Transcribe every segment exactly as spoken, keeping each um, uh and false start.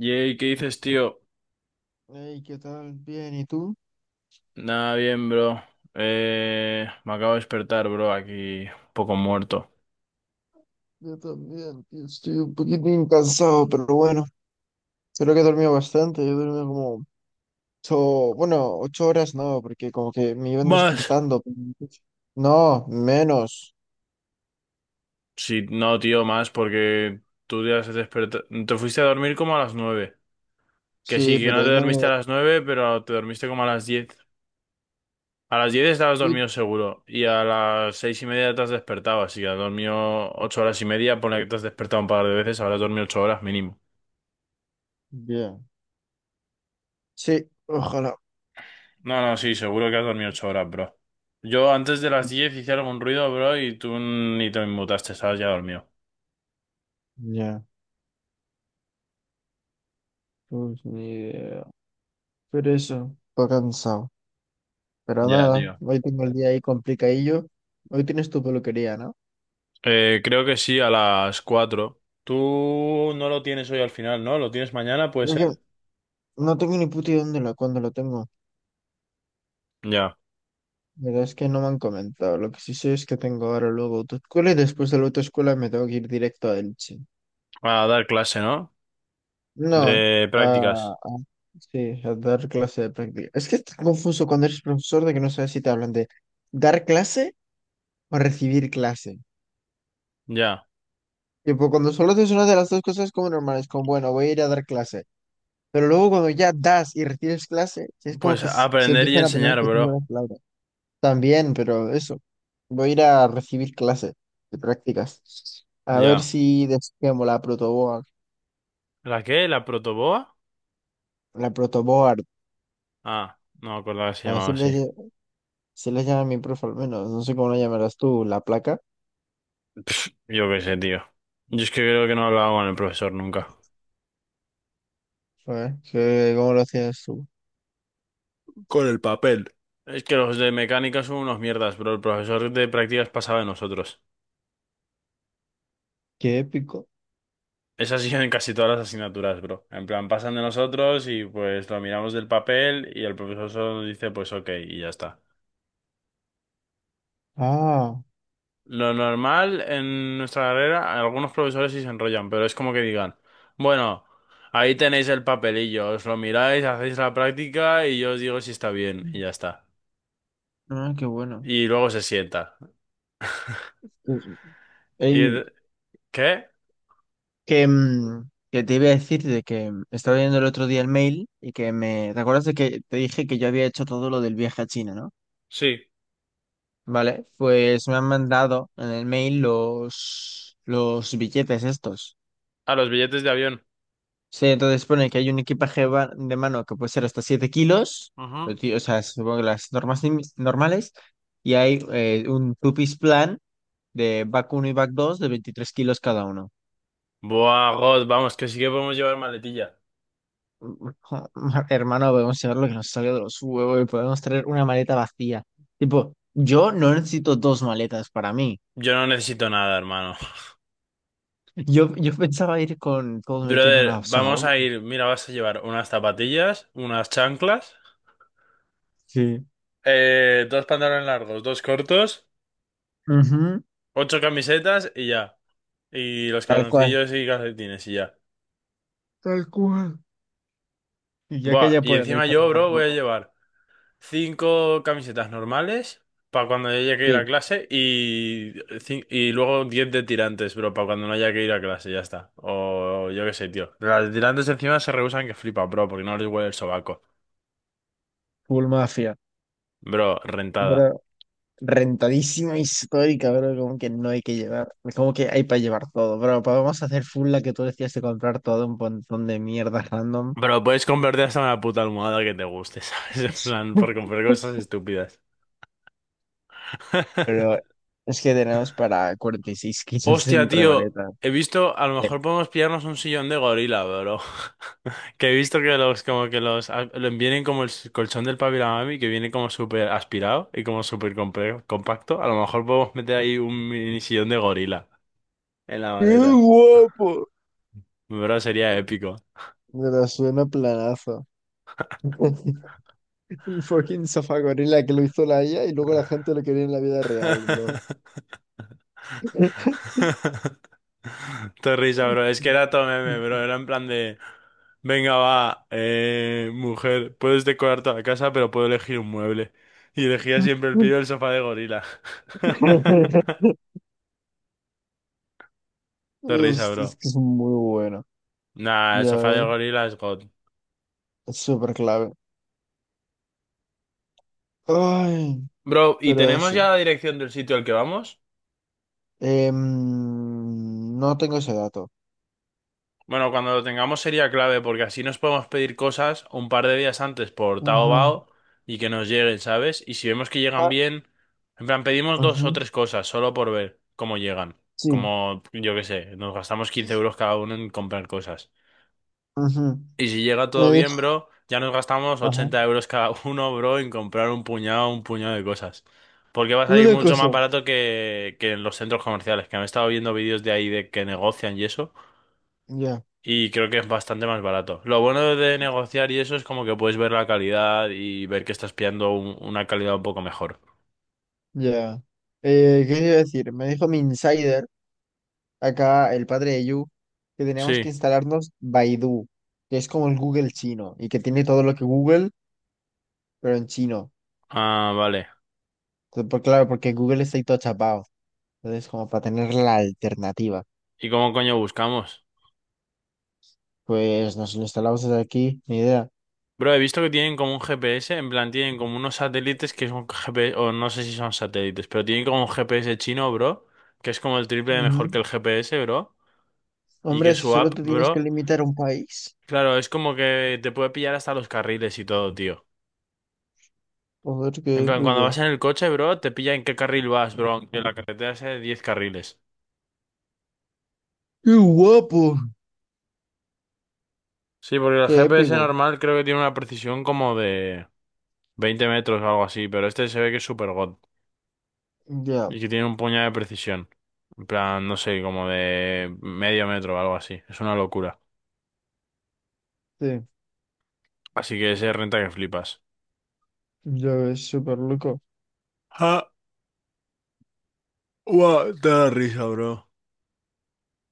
Jay, ¿qué dices, tío? Hey, ¿qué tal? Bien, ¿y tú? Nada bien, bro. Eh, me acabo de despertar, bro, aquí un poco muerto. Yo también, tío, estoy un poquitín cansado, pero bueno, creo que he dormido bastante. Yo he dormido como ocho, bueno, ocho horas no, porque como que me iban ¿Más? despertando. No, menos. Sí, no, tío, más, porque tú te has despertado. Te fuiste a dormir como a las nueve. Que Sí, sí, que pero no te ahí no dormiste me. a las nueve, pero te dormiste como a las diez. A las diez estabas Sí. dormido seguro. Y a las seis y media te has despertado, así que has dormido ocho horas y media. Ponle que te has despertado un par de veces, habrás dormido ocho horas mínimo. Bien. Sí, ojalá. No, no, sí, seguro que has dormido ocho horas, bro. Yo antes de las diez hice algún ruido, bro, y tú ni te inmutaste, estabas ya dormido. Ya, pues ni idea. Pero eso, estoy cansado. Pero Ya, nada, tío. hoy tengo el día ahí complicadillo. Hoy tienes tu peluquería, ¿no? Eh, creo que sí, a las cuatro. Tú no lo tienes hoy al final, ¿no? ¿Lo tienes mañana, puede Creo que ser? no tengo ni puta idea dónde la, cuándo la tengo. Ya. La verdad es que no me han comentado. Lo que sí sé es que tengo ahora luego autoescuela y después de la autoescuela me tengo que ir directo a Elche. A dar clase, ¿no? No, De a, prácticas. a- sí, a dar clase de práctica. Es que está confuso cuando eres profesor de que no sabes si te hablan de dar clase o recibir clase. Ya. Tipo, cuando solo haces una de las dos cosas es como normal, es como, bueno, voy a ir a dar clase. Pero luego cuando ya das y recibes clase, es como Pues que s- se aprender y empiezan a poner enseñar, específicas bro. las palabras. También, pero eso. Voy a ir a recibir clases de prácticas. A ver Ya. si desquemo la protoboard. ¿La qué? ¿La protoboa? La protoboard. Ah, no me acordaba que se A ver llamaba si le, así. lle- si le llama mi profe al menos. No sé cómo la llamarás tú, la placa. Pff, yo qué sé, tío. Yo es que creo que no hablaba con el profesor nunca. A ver, ¿qué- ¿cómo lo hacías tú? Con el papel. Es que los de mecánica son unos mierdas, bro. El profesor de prácticas pasaba de nosotros. Qué épico. Es así en casi todas las asignaturas, bro. En plan, pasan de nosotros y pues lo miramos del papel y el profesor solo nos dice pues ok y ya está. Ah, Lo normal en nuestra carrera, algunos profesores sí se enrollan, pero es como que digan, bueno, ahí tenéis el papelillo, os lo miráis, hacéis la práctica y yo os digo si está bien y ya está. ah, qué bueno. Y luego se sienta. Sí. Ey, ¿Y qué? que, mm, que te iba a decir de que mm, estaba viendo el otro día el mail y que me... ¿Te acuerdas de que te dije que yo había hecho todo lo del viaje a China, ¿no? Sí, Vale, pues me han mandado en el mail los, los billetes estos. a los billetes de avión. Sí, entonces pone que hay un equipaje va- de mano que puede ser hasta siete kilos, Ujú. o ti- o sea, supongo que las normas lim- normales, y hay eh, un two-piece plan de back uno y back dos de veintitrés kilos cada uno. Buah, God, vamos, que sí que podemos llevar maletilla. Hermano, podemos llevar lo que nos salga de los huevos y podemos traer una maleta vacía. Tipo, yo no necesito dos maletas para mí. Yo no necesito nada, hermano. Yo, yo pensaba ir con todo metido en Brother, una sola vamos a bolsa. ir. Mira, vas a llevar unas zapatillas, unas chanclas, Sí. eh, dos pantalones largos, dos cortos, Ujú. ocho camisetas y ya. Y los Tal cual. calzoncillos y calcetines y ya. Tal cual. Y ya que Buah, ella y por ahí encima para yo, lavar bro, voy a ropa. llevar cinco camisetas normales para cuando haya que ir a Sí, clase y, cin- y luego diez de tirantes, bro, para cuando no haya que ir a clase, ya está. O yo qué sé, tío. Las de tirantes encima se rehusan que flipa, bro, porque no les huele el sobaco. full mafia. Bro, Pero rentada. rentadísima histórica, bro. Como que no hay que llevar. Es como que hay para llevar todo. Pero vamos a hacer full la que tú decías de comprar todo un montón de mierdas random. Bro, puedes convertir hasta una puta almohada que te guste, ¿sabes? En plan, por comprar cosas estúpidas. Pero es que tenemos para cuarenta y seis kilos Hostia, entre tío, maletas. he visto, a lo Ya. mejor podemos pillarnos un sillón de gorila, bro. Que he visto que los, como que los, a- lo- vienen como el s- colchón del papi y la mami, que viene como súper aspirado y como súper compre- compacto. A lo mejor podemos meter ahí un mini sillón de gorila en la ¡Qué maleta. guapo! Bro, sería épico. Pero suena planazo. El fucking sofá gorila que lo hizo la I A y luego la gente lo quería en la vida real, bro. Te risa, bro. Es que era todo meme, bro. Era en plan de. Venga, va, eh, mujer, puedes decorar toda la casa, pero puedo elegir un mueble. Y elegía siempre el pibe el sofá de gorila. Te risa, Es es bro. que es muy bueno. Nah, el Ya sofá de ves, gorila es God. es súper clave. Ay, Bro, ¿y pero tenemos eso. ya la dirección del sitio al que vamos? Em, no tengo ese dato. Bueno, cuando lo tengamos sería clave porque así nos podemos pedir cosas un par de días antes por Ajá. Taobao y que nos lleguen, ¿sabes? Y si vemos que llegan Ah, bien, en plan, pedimos dos o ujú. tres cosas solo por ver cómo llegan. Sí. Como, yo qué sé, nos gastamos quince euros cada uno en comprar cosas. Ujú. Y si llega todo Me dijo. bien, bro, ya nos gastamos Ajá. ochenta euros cada uno, bro, en comprar un puñado, un puñado de cosas. Porque va a salir Una mucho cosa. más barato que, que en los centros comerciales, que me he estado viendo vídeos de ahí de que negocian y eso. Ya, Y creo que es bastante más barato. Lo bueno de negociar y eso es como que puedes ver la calidad y ver que estás pillando un- una calidad un poco mejor. ya. Eh, ¿qué iba a decir? Me dijo mi insider, acá el padre de Yu, que teníamos que Sí. instalarnos Baidu, que es como el Google chino y que tiene todo lo que Google, pero en chino. Ah, vale. Entonces, por- claro, porque Google está ahí todo chapado. Entonces, como para tener la alternativa. ¿Y cómo coño buscamos? Pues nos lo instalamos desde aquí, ni idea. Bro, he visto que tienen como un G P S, en plan tienen como unos satélites que son G P S, o no sé si son satélites, pero tienen como un G P S chino, bro, que es como el triple de mejor Ujú. que el G P S, bro, y que Hombre, si su app, solo te tienes que bro, limitar a un país. claro, es como que te puede pillar hasta los carriles y todo, tío. Joder, En qué plan, cuando vas épico. en el coche, bro, te pilla en qué carril vas, bro, aunque la carretera sea de diez carriles. ¡Qué guapo! Sí, porque el ¡Qué G P S épico! normal creo que tiene una precisión como de veinte metros o algo así, pero este se ve que es super god Ya, y que tiene un puñado de precisión. En plan, no sé, como de medio metro o algo así. Es una locura. sí. Así que ese renta que flipas. Ya ves, súper loco. Ah, la risa, bro.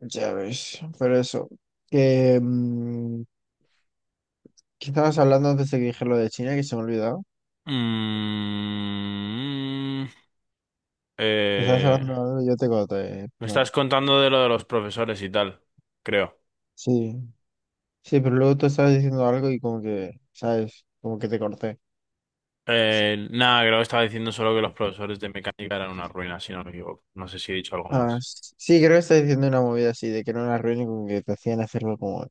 Ya ves, pero eso. Que, mm, ¿qué estabas hablando antes de que dije lo de China, que se me ha olvidado? Mm, Que estabas eh, hablando, yo te conté. Me Bueno, estás contando de lo de los profesores y tal, creo. sí. Sí, pero luego tú estabas diciendo algo y como que, ¿sabes? Como que te corté. Eh, nada, creo que estaba diciendo solo que los profesores de mecánica eran una ruina, si no me equivoco. No sé si he dicho algo Ah, más. s- sí, creo que estabas diciendo una movida así, de que era una reunión y como que te hacían hacerlo como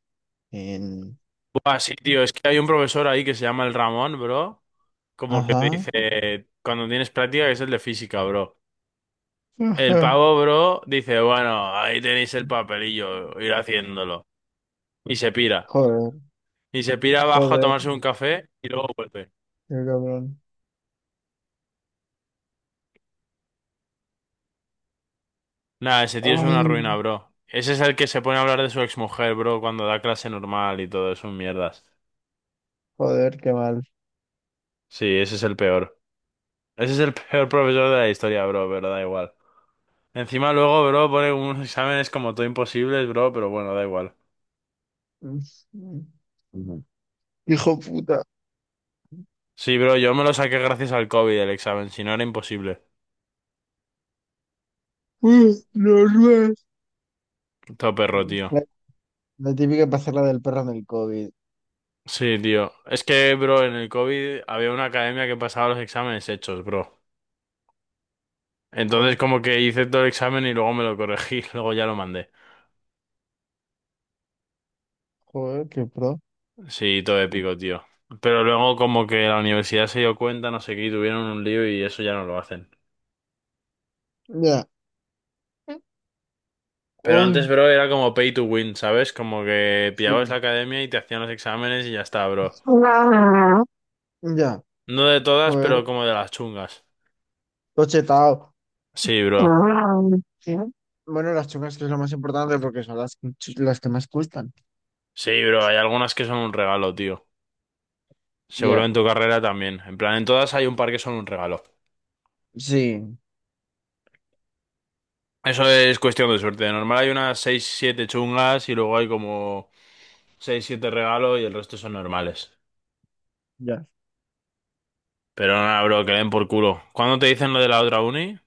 en... Buah, sí, tío, es que hay un profesor ahí que se llama el Ramón, bro. Como que te Ajá. dice, cuando tienes práctica, que es el de física, bro. El Ajá. pavo, bro, dice, bueno, ahí tenéis el papelillo, ir haciéndolo. Y se pira. Joder, Y se pira abajo a joder, tomarse un café y luego vuelve. qué cabrón. Nada, ese tío es Ay, una ruina, bro. Ese es el que se pone a hablar de su exmujer, bro, cuando da clase normal y todo, es un mierdas. joder, qué mal. Sí, ese es el peor. Ese es el peor profesor de la historia, bro, pero da igual. Encima luego, bro, pone unos exámenes como todo imposibles, bro, pero bueno, da igual. Ujú. Hijo puta. Sí, bro, yo me lo saqué gracias al COVID el examen, si no era imposible. Uh, los nuevos. Todo perro, tío. La, la típica pasarla del perro en el COVID. Sí, tío. Es que, bro, en el COVID había una academia que pasaba los exámenes hechos, bro. Entonces Joder, como que hice todo el examen y luego me lo corregí, luego ya lo mandé. joder, qué pro. Sí, todo épico, tío. Pero luego como que la universidad se dio cuenta, no sé qué, y tuvieron un lío y eso ya no lo hacen. Ya. Pero antes, Ay, bro, era como pay to win, ¿sabes? Como que pillabas la sí. academia y te hacían los exámenes y ya está, bro. Ya, No de todas, joder, pero como de las chungas. tochetado. Sí, bro. Bueno, las chungas que es lo más importante porque son las, ch- las que más gustan. Sí, bro, hay algunas que son un regalo, tío. Seguro Ya, en tu carrera también. En plan, en todas hay un par que son un regalo. sí, Eso es cuestión de suerte. De normal hay unas seis siete chungas y luego hay como seis siete regalos y el resto son normales. ya. Pero nada, bro, que le den por culo. ¿Cuándo te dicen lo de la otra uni?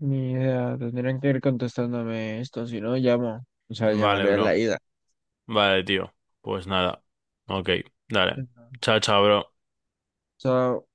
Ni idea, tendrían que ir contestándome esto, si no llamo. O sea, Vale, llamaré a bro. la ida. Vale, tío. Pues nada. Ok, dale. Ajá. Chao, chao, bro. Chao.